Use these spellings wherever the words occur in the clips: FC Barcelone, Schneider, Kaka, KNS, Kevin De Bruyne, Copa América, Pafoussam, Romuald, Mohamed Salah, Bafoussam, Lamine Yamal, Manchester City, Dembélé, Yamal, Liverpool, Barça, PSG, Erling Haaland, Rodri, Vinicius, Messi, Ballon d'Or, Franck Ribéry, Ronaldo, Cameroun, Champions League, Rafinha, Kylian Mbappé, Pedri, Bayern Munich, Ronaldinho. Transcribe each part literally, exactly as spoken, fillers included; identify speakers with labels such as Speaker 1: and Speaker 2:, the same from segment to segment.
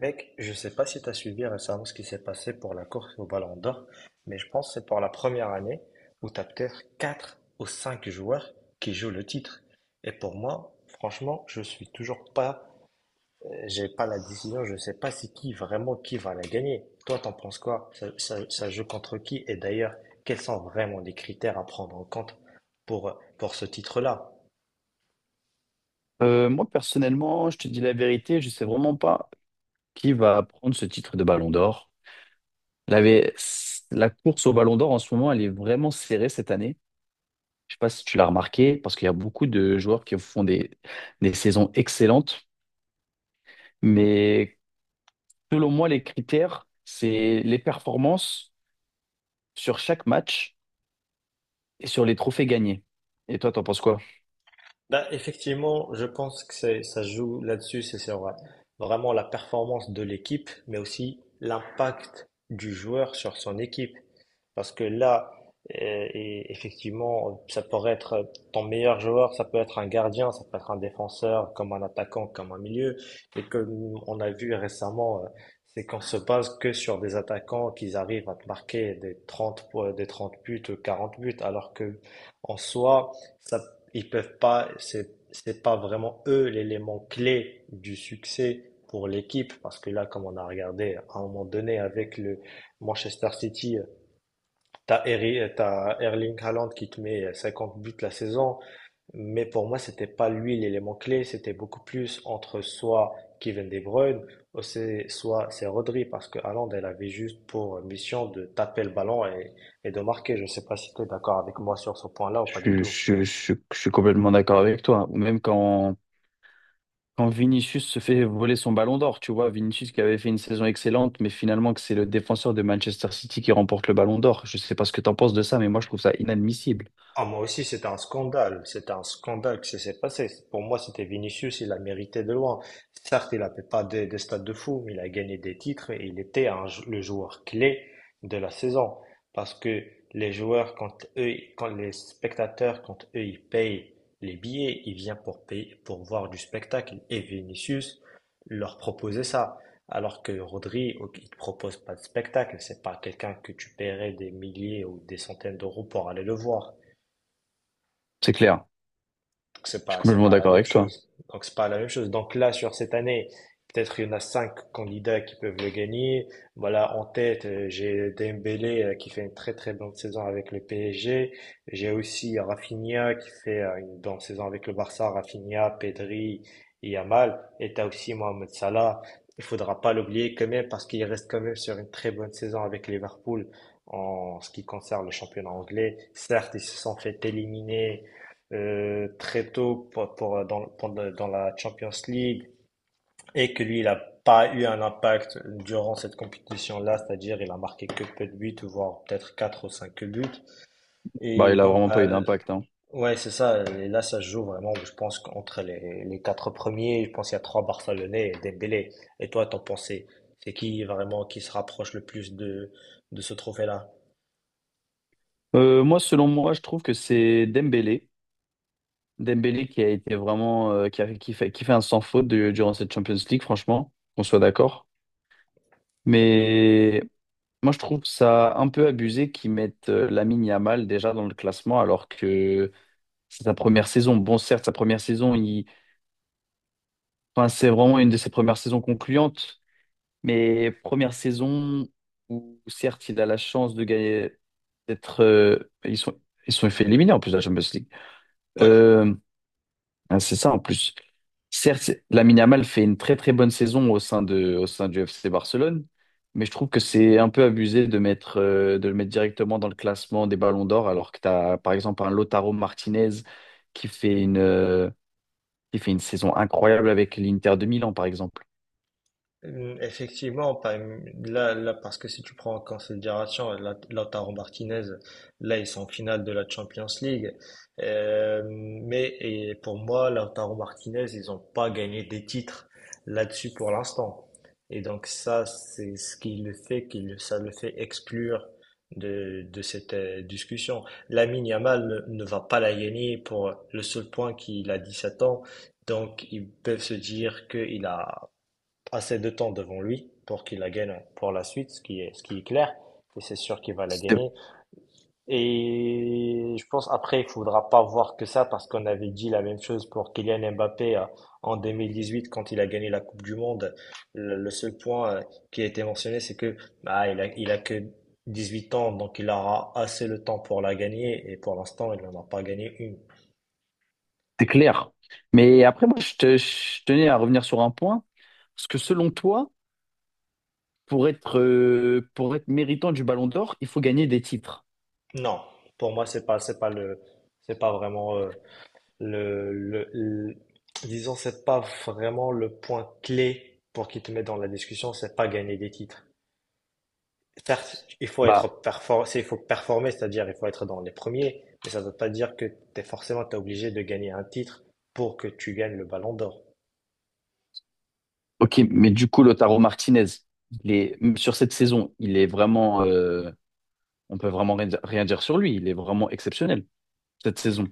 Speaker 1: Mec, je sais pas si tu as suivi récemment ce qui s'est passé pour la course au Ballon d'Or, mais je pense que c'est pour la première année où tu as peut-être quatre ou cinq joueurs qui jouent le titre. Et pour moi, franchement, je suis toujours pas, euh, j'ai pas la décision, je sais pas c'est qui vraiment qui va la gagner. Toi, t'en penses quoi? Ça, ça, ça joue contre qui? Et d'ailleurs, quels sont vraiment les critères à prendre en compte pour, pour ce titre-là?
Speaker 2: Euh, moi, personnellement, je te dis la vérité, je sais vraiment pas qui va prendre ce titre de Ballon d'Or. La, vé- la course au Ballon d'Or en ce moment, elle est vraiment serrée cette année. Je sais pas si tu l'as remarqué, parce qu'il y a beaucoup de joueurs qui font des, des saisons excellentes. Mais selon moi, les critères, c'est les performances sur chaque match et sur les trophées gagnés. Et toi, t'en penses quoi?
Speaker 1: Bah, effectivement, je pense que c'est, ça se joue là-dessus, c'est c'est vrai. Vraiment la performance de l'équipe, mais aussi l'impact du joueur sur son équipe. Parce que là, euh, et effectivement, ça pourrait être ton meilleur joueur, ça peut être un gardien, ça peut être un défenseur, comme un attaquant, comme un milieu. Et comme on a vu récemment, euh, c'est qu'on se base que sur des attaquants qui arrivent à te marquer des trente po- des trente buts, ou quarante buts, alors que en soi, ça ils peuvent pas, c'est, c'est pas vraiment eux l'élément clé du succès pour l'équipe, parce que là, comme on a regardé à un moment donné avec le Manchester City, t'as Eri- t'as Erling Haaland qui te met cinquante buts la saison, mais pour moi, c'était pas lui l'élément clé, c'était beaucoup plus entre soit Kevin De Bruyne, ou c'est- soit c'est Rodri, parce que Haaland, elle avait juste pour mission de taper le ballon et, et de marquer. Je sais pas si tu es d'accord avec moi sur ce point-là ou pas du
Speaker 2: Je, suis
Speaker 1: tout.
Speaker 2: je suis- je suis- je suis complètement d'accord avec toi. Ou même quand quand Vinicius se fait voler son ballon d'or, tu vois, Vinicius qui avait fait une saison excellente, mais finalement que c'est le défenseur de Manchester City qui remporte le ballon d'or. Je sais pas ce que t'en penses de ça, mais moi je trouve ça inadmissible.
Speaker 1: Ah, moi aussi, c'était un scandale. C'était un scandale que ça s'est passé. Pour moi, c'était Vinicius, il a mérité de loin. Certes, il n'a fait pas des, des stades de fou, mais il a gagné des titres et il était un jou- le joueur clé de la saison. Parce que les joueurs, quand eux, quand les spectateurs, quand eux, ils payent les billets, ils viennent pour payer, pour voir du spectacle. Et Vinicius leur proposait ça. Alors que Rodri, ok, il te propose pas de spectacle. C'est pas quelqu'un que tu paierais des milliers ou des centaines d'euros pour aller le voir.
Speaker 2: C'est clair.
Speaker 1: Donc c'est
Speaker 2: Je suis
Speaker 1: pas, c'est
Speaker 2: complètement
Speaker 1: pas la
Speaker 2: d'accord
Speaker 1: même
Speaker 2: avec toi.
Speaker 1: chose. Donc c'est pas la même chose. Donc là, sur cette année, peut-être il y en a cinq candidats qui peuvent le gagner. Voilà, en tête, euh, j'ai Dembélé euh, qui fait une très très bonne saison avec le P S G. J'ai aussi Rafinha qui fait euh, une bonne saison avec le Barça. Rafinha, Pedri, et Yamal. Et t'as aussi Mohamed Salah. Il faudra pas l'oublier quand même parce qu'il reste quand même sur une très bonne saison avec Liverpool en ce qui concerne le championnat anglais. Certes, ils se sont fait éliminer euh, très tôt pour, pour- euh, dans, pour- euh, dans la Champions League et que lui, il n'a pas eu un impact durant cette compétition-là, c'est-à-dire il a marqué que peu de buts, voire peut-être quatre ou cinq buts.
Speaker 2: Bah,
Speaker 1: Et
Speaker 2: il a
Speaker 1: donc,
Speaker 2: vraiment
Speaker 1: bah,
Speaker 2: pas eu
Speaker 1: l-
Speaker 2: d'impact, hein.
Speaker 1: ouais, c'est ça. Et là, ça se joue vraiment, je pense, entre les, les quatre premiers. Je pense qu'il y a trois Barcelonais et Dembélé. Et toi, t'en pensais, c'est qui vraiment qui se rapproche le plus de, de ce trophée-là?
Speaker 2: Euh, moi, selon moi, je trouve que c'est Dembélé. Dembélé qui a été vraiment, euh, qui a- qui fait, qui fait un sans faute de- durant cette Champions League, franchement, qu'on soit d'accord. Mais moi, je trouve ça un peu abusé qu'ils mettent euh, Lamine Yamal déjà dans le classement, alors que c'est sa première saison. Bon, certes, sa première saison, il... enfin, c'est vraiment une de ses premières saisons concluantes, mais première saison où, certes, il a la chance de gagner, d'être. Euh, Ils sont... Ils sont fait éliminer en plus de la Champions League.
Speaker 1: Ouais.
Speaker 2: Euh, ah, c'est ça en plus. Certes, Lamine Yamal fait une très très bonne saison au sein de, au sein du F C Barcelone, mais je trouve que c'est un peu abusé de mettre, euh, de le mettre directement dans le classement des ballons d'or, alors que tu as par exemple un Lautaro Martinez qui fait une, euh, qui fait une saison incroyable avec l'Inter de Milan, par exemple.
Speaker 1: Hum, Effectivement, pas- là, là, parce que si tu prends en considération la- Lautaro Martinez, là, ils sont en finale de la Champions League. Euh, mais et pour moi, Lautaro Martinez, ils n'ont pas gagné des titres là-dessus pour l'instant. Et donc ça, c'est ce qui le fait, qui le- ça le fait exclure de, de cette euh, discussion. Lamine Yamal ne, ne va pas la gagner pour le seul point qu'il a dix-sept ans. Donc ils peuvent se dire qu'il a assez de temps devant lui pour qu'il la gagne pour la suite, ce qui est, ce qui est clair. Et c'est sûr qu'il va la
Speaker 2: C'est
Speaker 1: gagner. Et je pense après, il faudra pas voir que ça parce qu'on avait dit la même chose pour Kylian Mbappé euh, en deux mille dix-huit quand il a gagné la Coupe du Monde. Le, le seul point euh, qui a été mentionné, c'est que bah, il a, il a que dix-huit ans, donc il aura assez le temps pour la gagner. Et pour l'instant, il n'en a pas gagné une.
Speaker 2: c'est clair. Mais après, moi, je, te- je tenais à revenir sur un point. Parce que selon toi, pour être, euh, pour être méritant du Ballon d'Or, il faut gagner des titres.
Speaker 1: Non, pour moi, c'est pas, c'est pas le, c'est pas vraiment euh, Le, le, le- disons, c'est pas vraiment le point clé pour qu'ils te mettent dans la discussion, c'est pas gagner des titres. Certes, il faut
Speaker 2: Bah,
Speaker 1: être performant, il faut performer, c'est-à-dire il faut être dans les premiers, mais ça ne veut pas dire que tu es forcément t'es obligé de gagner un titre pour que tu gagnes le ballon d'or.
Speaker 2: ok, mais du coup, Lautaro Martinez, il est, sur cette saison, il est vraiment, euh, on peut vraiment rien dire rien dire sur lui. Il est vraiment exceptionnel cette saison.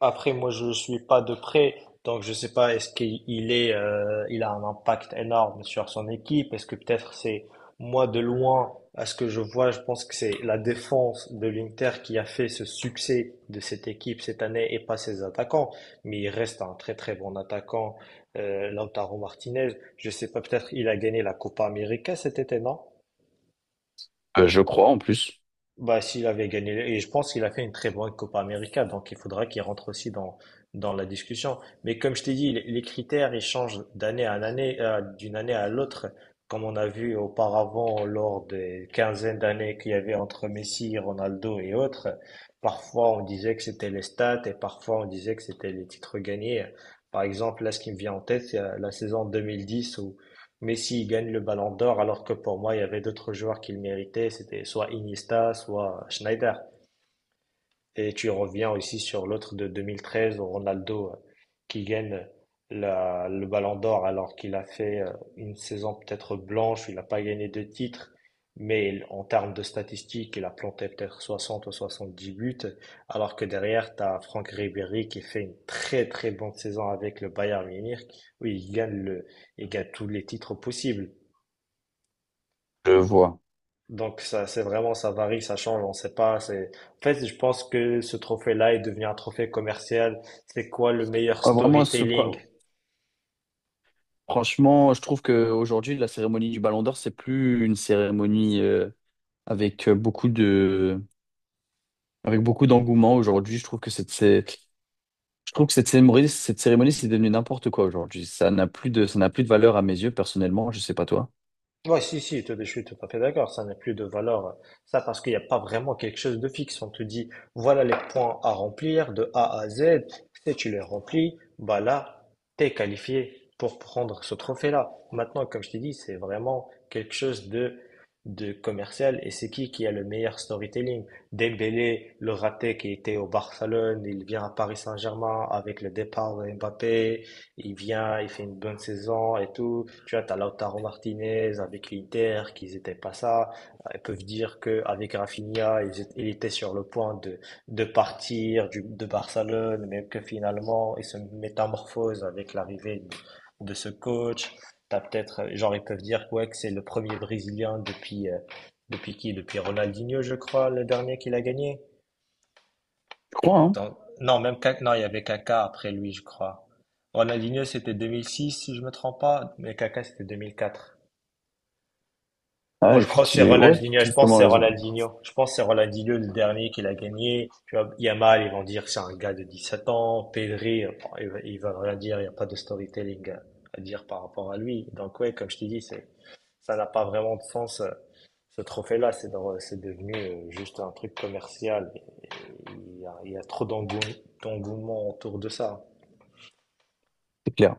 Speaker 1: Après, moi, je suis pas de près, donc je sais pas est-ce qu'il il est, euh, il a un impact énorme sur son équipe. Est-ce que peut-être c'est moi de loin, à ce que je vois, je pense que c'est la défense de l'Inter qui a fait ce succès de cette équipe cette année et pas ses attaquants. Mais il reste un très très bon attaquant, euh, Lautaro Martinez. Je sais pas, peut-être il a gagné la Copa América cet été, non?
Speaker 2: Euh, je crois en plus.
Speaker 1: Bah, s'il avait gagné, et je pense qu'il a fait une très bonne Copa América, donc il faudra qu'il rentre aussi dans, dans la discussion. Mais comme je t'ai dit, les les critères, ils changent d'année à année, euh, d'une année à l'autre, comme on a vu auparavant lors des quinzaines d'années qu'il y avait entre Messi, Ronaldo et autres. Parfois, on disait que c'était les stats et parfois, on disait que c'était les titres gagnés. Par exemple, là, ce qui me vient en tête, c'est euh, la saison deux mille dix où Messi il gagne le Ballon d'Or alors que pour moi il y avait d'autres joueurs qui le méritaient, c'était soit Iniesta, soit Schneider. Et tu reviens aussi sur l'autre de vingt treize, Ronaldo, euh, qui gagne la- le Ballon d'Or alors qu'il a fait euh, une saison peut-être blanche, il n'a pas gagné de titre, mais il- en termes de statistiques, il a planté peut-être soixante ou soixante-dix buts, alors que derrière, tu as Franck Ribéry qui fait une très très bonne saison avec le Bayern Munich, où il gagne, le, il gagne tous les titres possibles.
Speaker 2: Je vois.
Speaker 1: Donc ça, c'est vraiment, ça varie, ça change, on sait pas. C'est, en fait, je pense que ce trophée-là est devenu un trophée commercial. C'est quoi le meilleur
Speaker 2: Ah, vraiment, ce,
Speaker 1: storytelling?
Speaker 2: pro- Franchement, je trouve qu'aujourd'hui, la cérémonie du Ballon d'Or, c'est plus une cérémonie euh, avec euh, beaucoup de, avec beaucoup d'engouement. Aujourd'hui, je trouve que cette, cé- je trouve que cette cérémonie, cette cérémonie, c'est devenu n'importe quoi aujourd'hui. Ça n'a plus de, ça n'a plus de valeur à mes yeux, personnellement. Je sais pas toi.
Speaker 1: Ouais, si, si, tout- je suis tout à fait d'accord. Ça n'a plus de valeur. Ça, parce qu'il n'y a pas vraiment quelque chose de fixe. On te dit, voilà les points à remplir de A à Z. Si tu les remplis, bah là, t'es qualifié pour prendre ce trophée-là. Maintenant, comme je t'ai dit, c'est vraiment quelque chose de, de commercial. Et c'est qui qui a le meilleur storytelling? Dembélé, le raté qui était au Barcelone, il vient à Paris Saint-Germain avec le départ de Mbappé. Il vient, il fait une bonne saison et tout. Tu vois, t'as Lautaro Martinez avec l'Inter, qu'ils n'étaient pas ça. Ils peuvent dire que avec Rafinha, ils étaient- il était sur le point de, de partir du, de Barcelone, mais que finalement, il se métamorphose avec l'arrivée de, de ce coach. T'as peut-être, euh, genre, ils peuvent dire ouais, que c'est le premier Brésilien depuis, euh, depuis qui? Depuis Ronaldinho, je crois, le dernier qu'il a gagné.
Speaker 2: Je crois, hein?
Speaker 1: Donc, non, même Ka- non, il y avait Kaka après lui, je crois. Ronaldinho, c'était deux mille six, si je me trompe pas, mais Kaka, c'était deux mille quatre.
Speaker 2: Ah,
Speaker 1: Bon, je crois que c'est
Speaker 2: effectivement. Ouais,
Speaker 1: Ronaldinho,
Speaker 2: tu as
Speaker 1: je pense que
Speaker 2: totalement
Speaker 1: c'est
Speaker 2: raison.
Speaker 1: Ronaldinho. Je pense que c'est Ronaldinho le dernier qu'il a gagné. Tu vois, Yamal, ils vont dire c'est un gars de dix sept ans. Pedri, euh, bon, ils ils veulent rien dire, il n'y a pas de storytelling à à dire par rapport à lui. Donc ouais, comme je te dis, c'est, ça n'a pas vraiment de sens. euh, Ce trophée-là, c'est dans- c'est devenu euh, juste un truc commercial. Et- et Il y a, il y a trop d'engou- d'engouement autour de ça.
Speaker 2: C'est clair.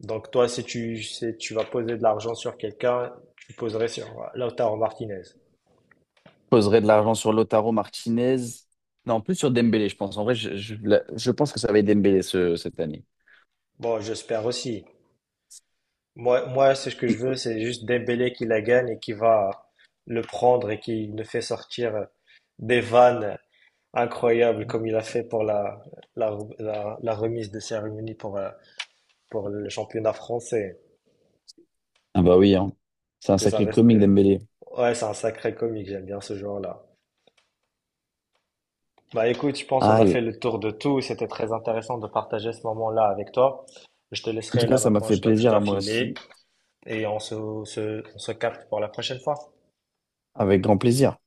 Speaker 1: Donc toi, si tu, si tu vas poser de l'argent sur quelqu'un, tu poserais sur Lautaro Martinez.
Speaker 2: Je poserais de l'argent sur Lautaro Martinez. Non, plus sur Dembélé, je pense. En vrai, je, je, la- je pense que ça va être Dembélé ce- cette année.
Speaker 1: Bon, j'espère aussi. Moi, moi, c'est ce que je veux, c'est juste Dembélé qui la gagne et qui va le prendre et qui nous fait sortir des vannes incroyables comme il a fait pour la, la, la, la remise de cérémonie pour, euh, pour le championnat français.
Speaker 2: Ah bah oui, hein. C'est un
Speaker 1: Que ça
Speaker 2: sacré
Speaker 1: reste
Speaker 2: comique,
Speaker 1: que...
Speaker 2: Dembélé.
Speaker 1: Ouais, c'est un sacré comique, j'aime bien ce joueur-là. Bah écoute, je pense qu'on a
Speaker 2: Aïe,
Speaker 1: fait le tour de tout. C'était très intéressant de partager ce moment-là avec toi. Je te
Speaker 2: en
Speaker 1: laisserai
Speaker 2: tout cas,
Speaker 1: là
Speaker 2: ça m'a
Speaker 1: maintenant,
Speaker 2: fait
Speaker 1: je dois, je
Speaker 2: plaisir
Speaker 1: dois
Speaker 2: à moi
Speaker 1: filer
Speaker 2: aussi.
Speaker 1: et on se, se, on se capte pour la prochaine fois.
Speaker 2: Avec grand plaisir.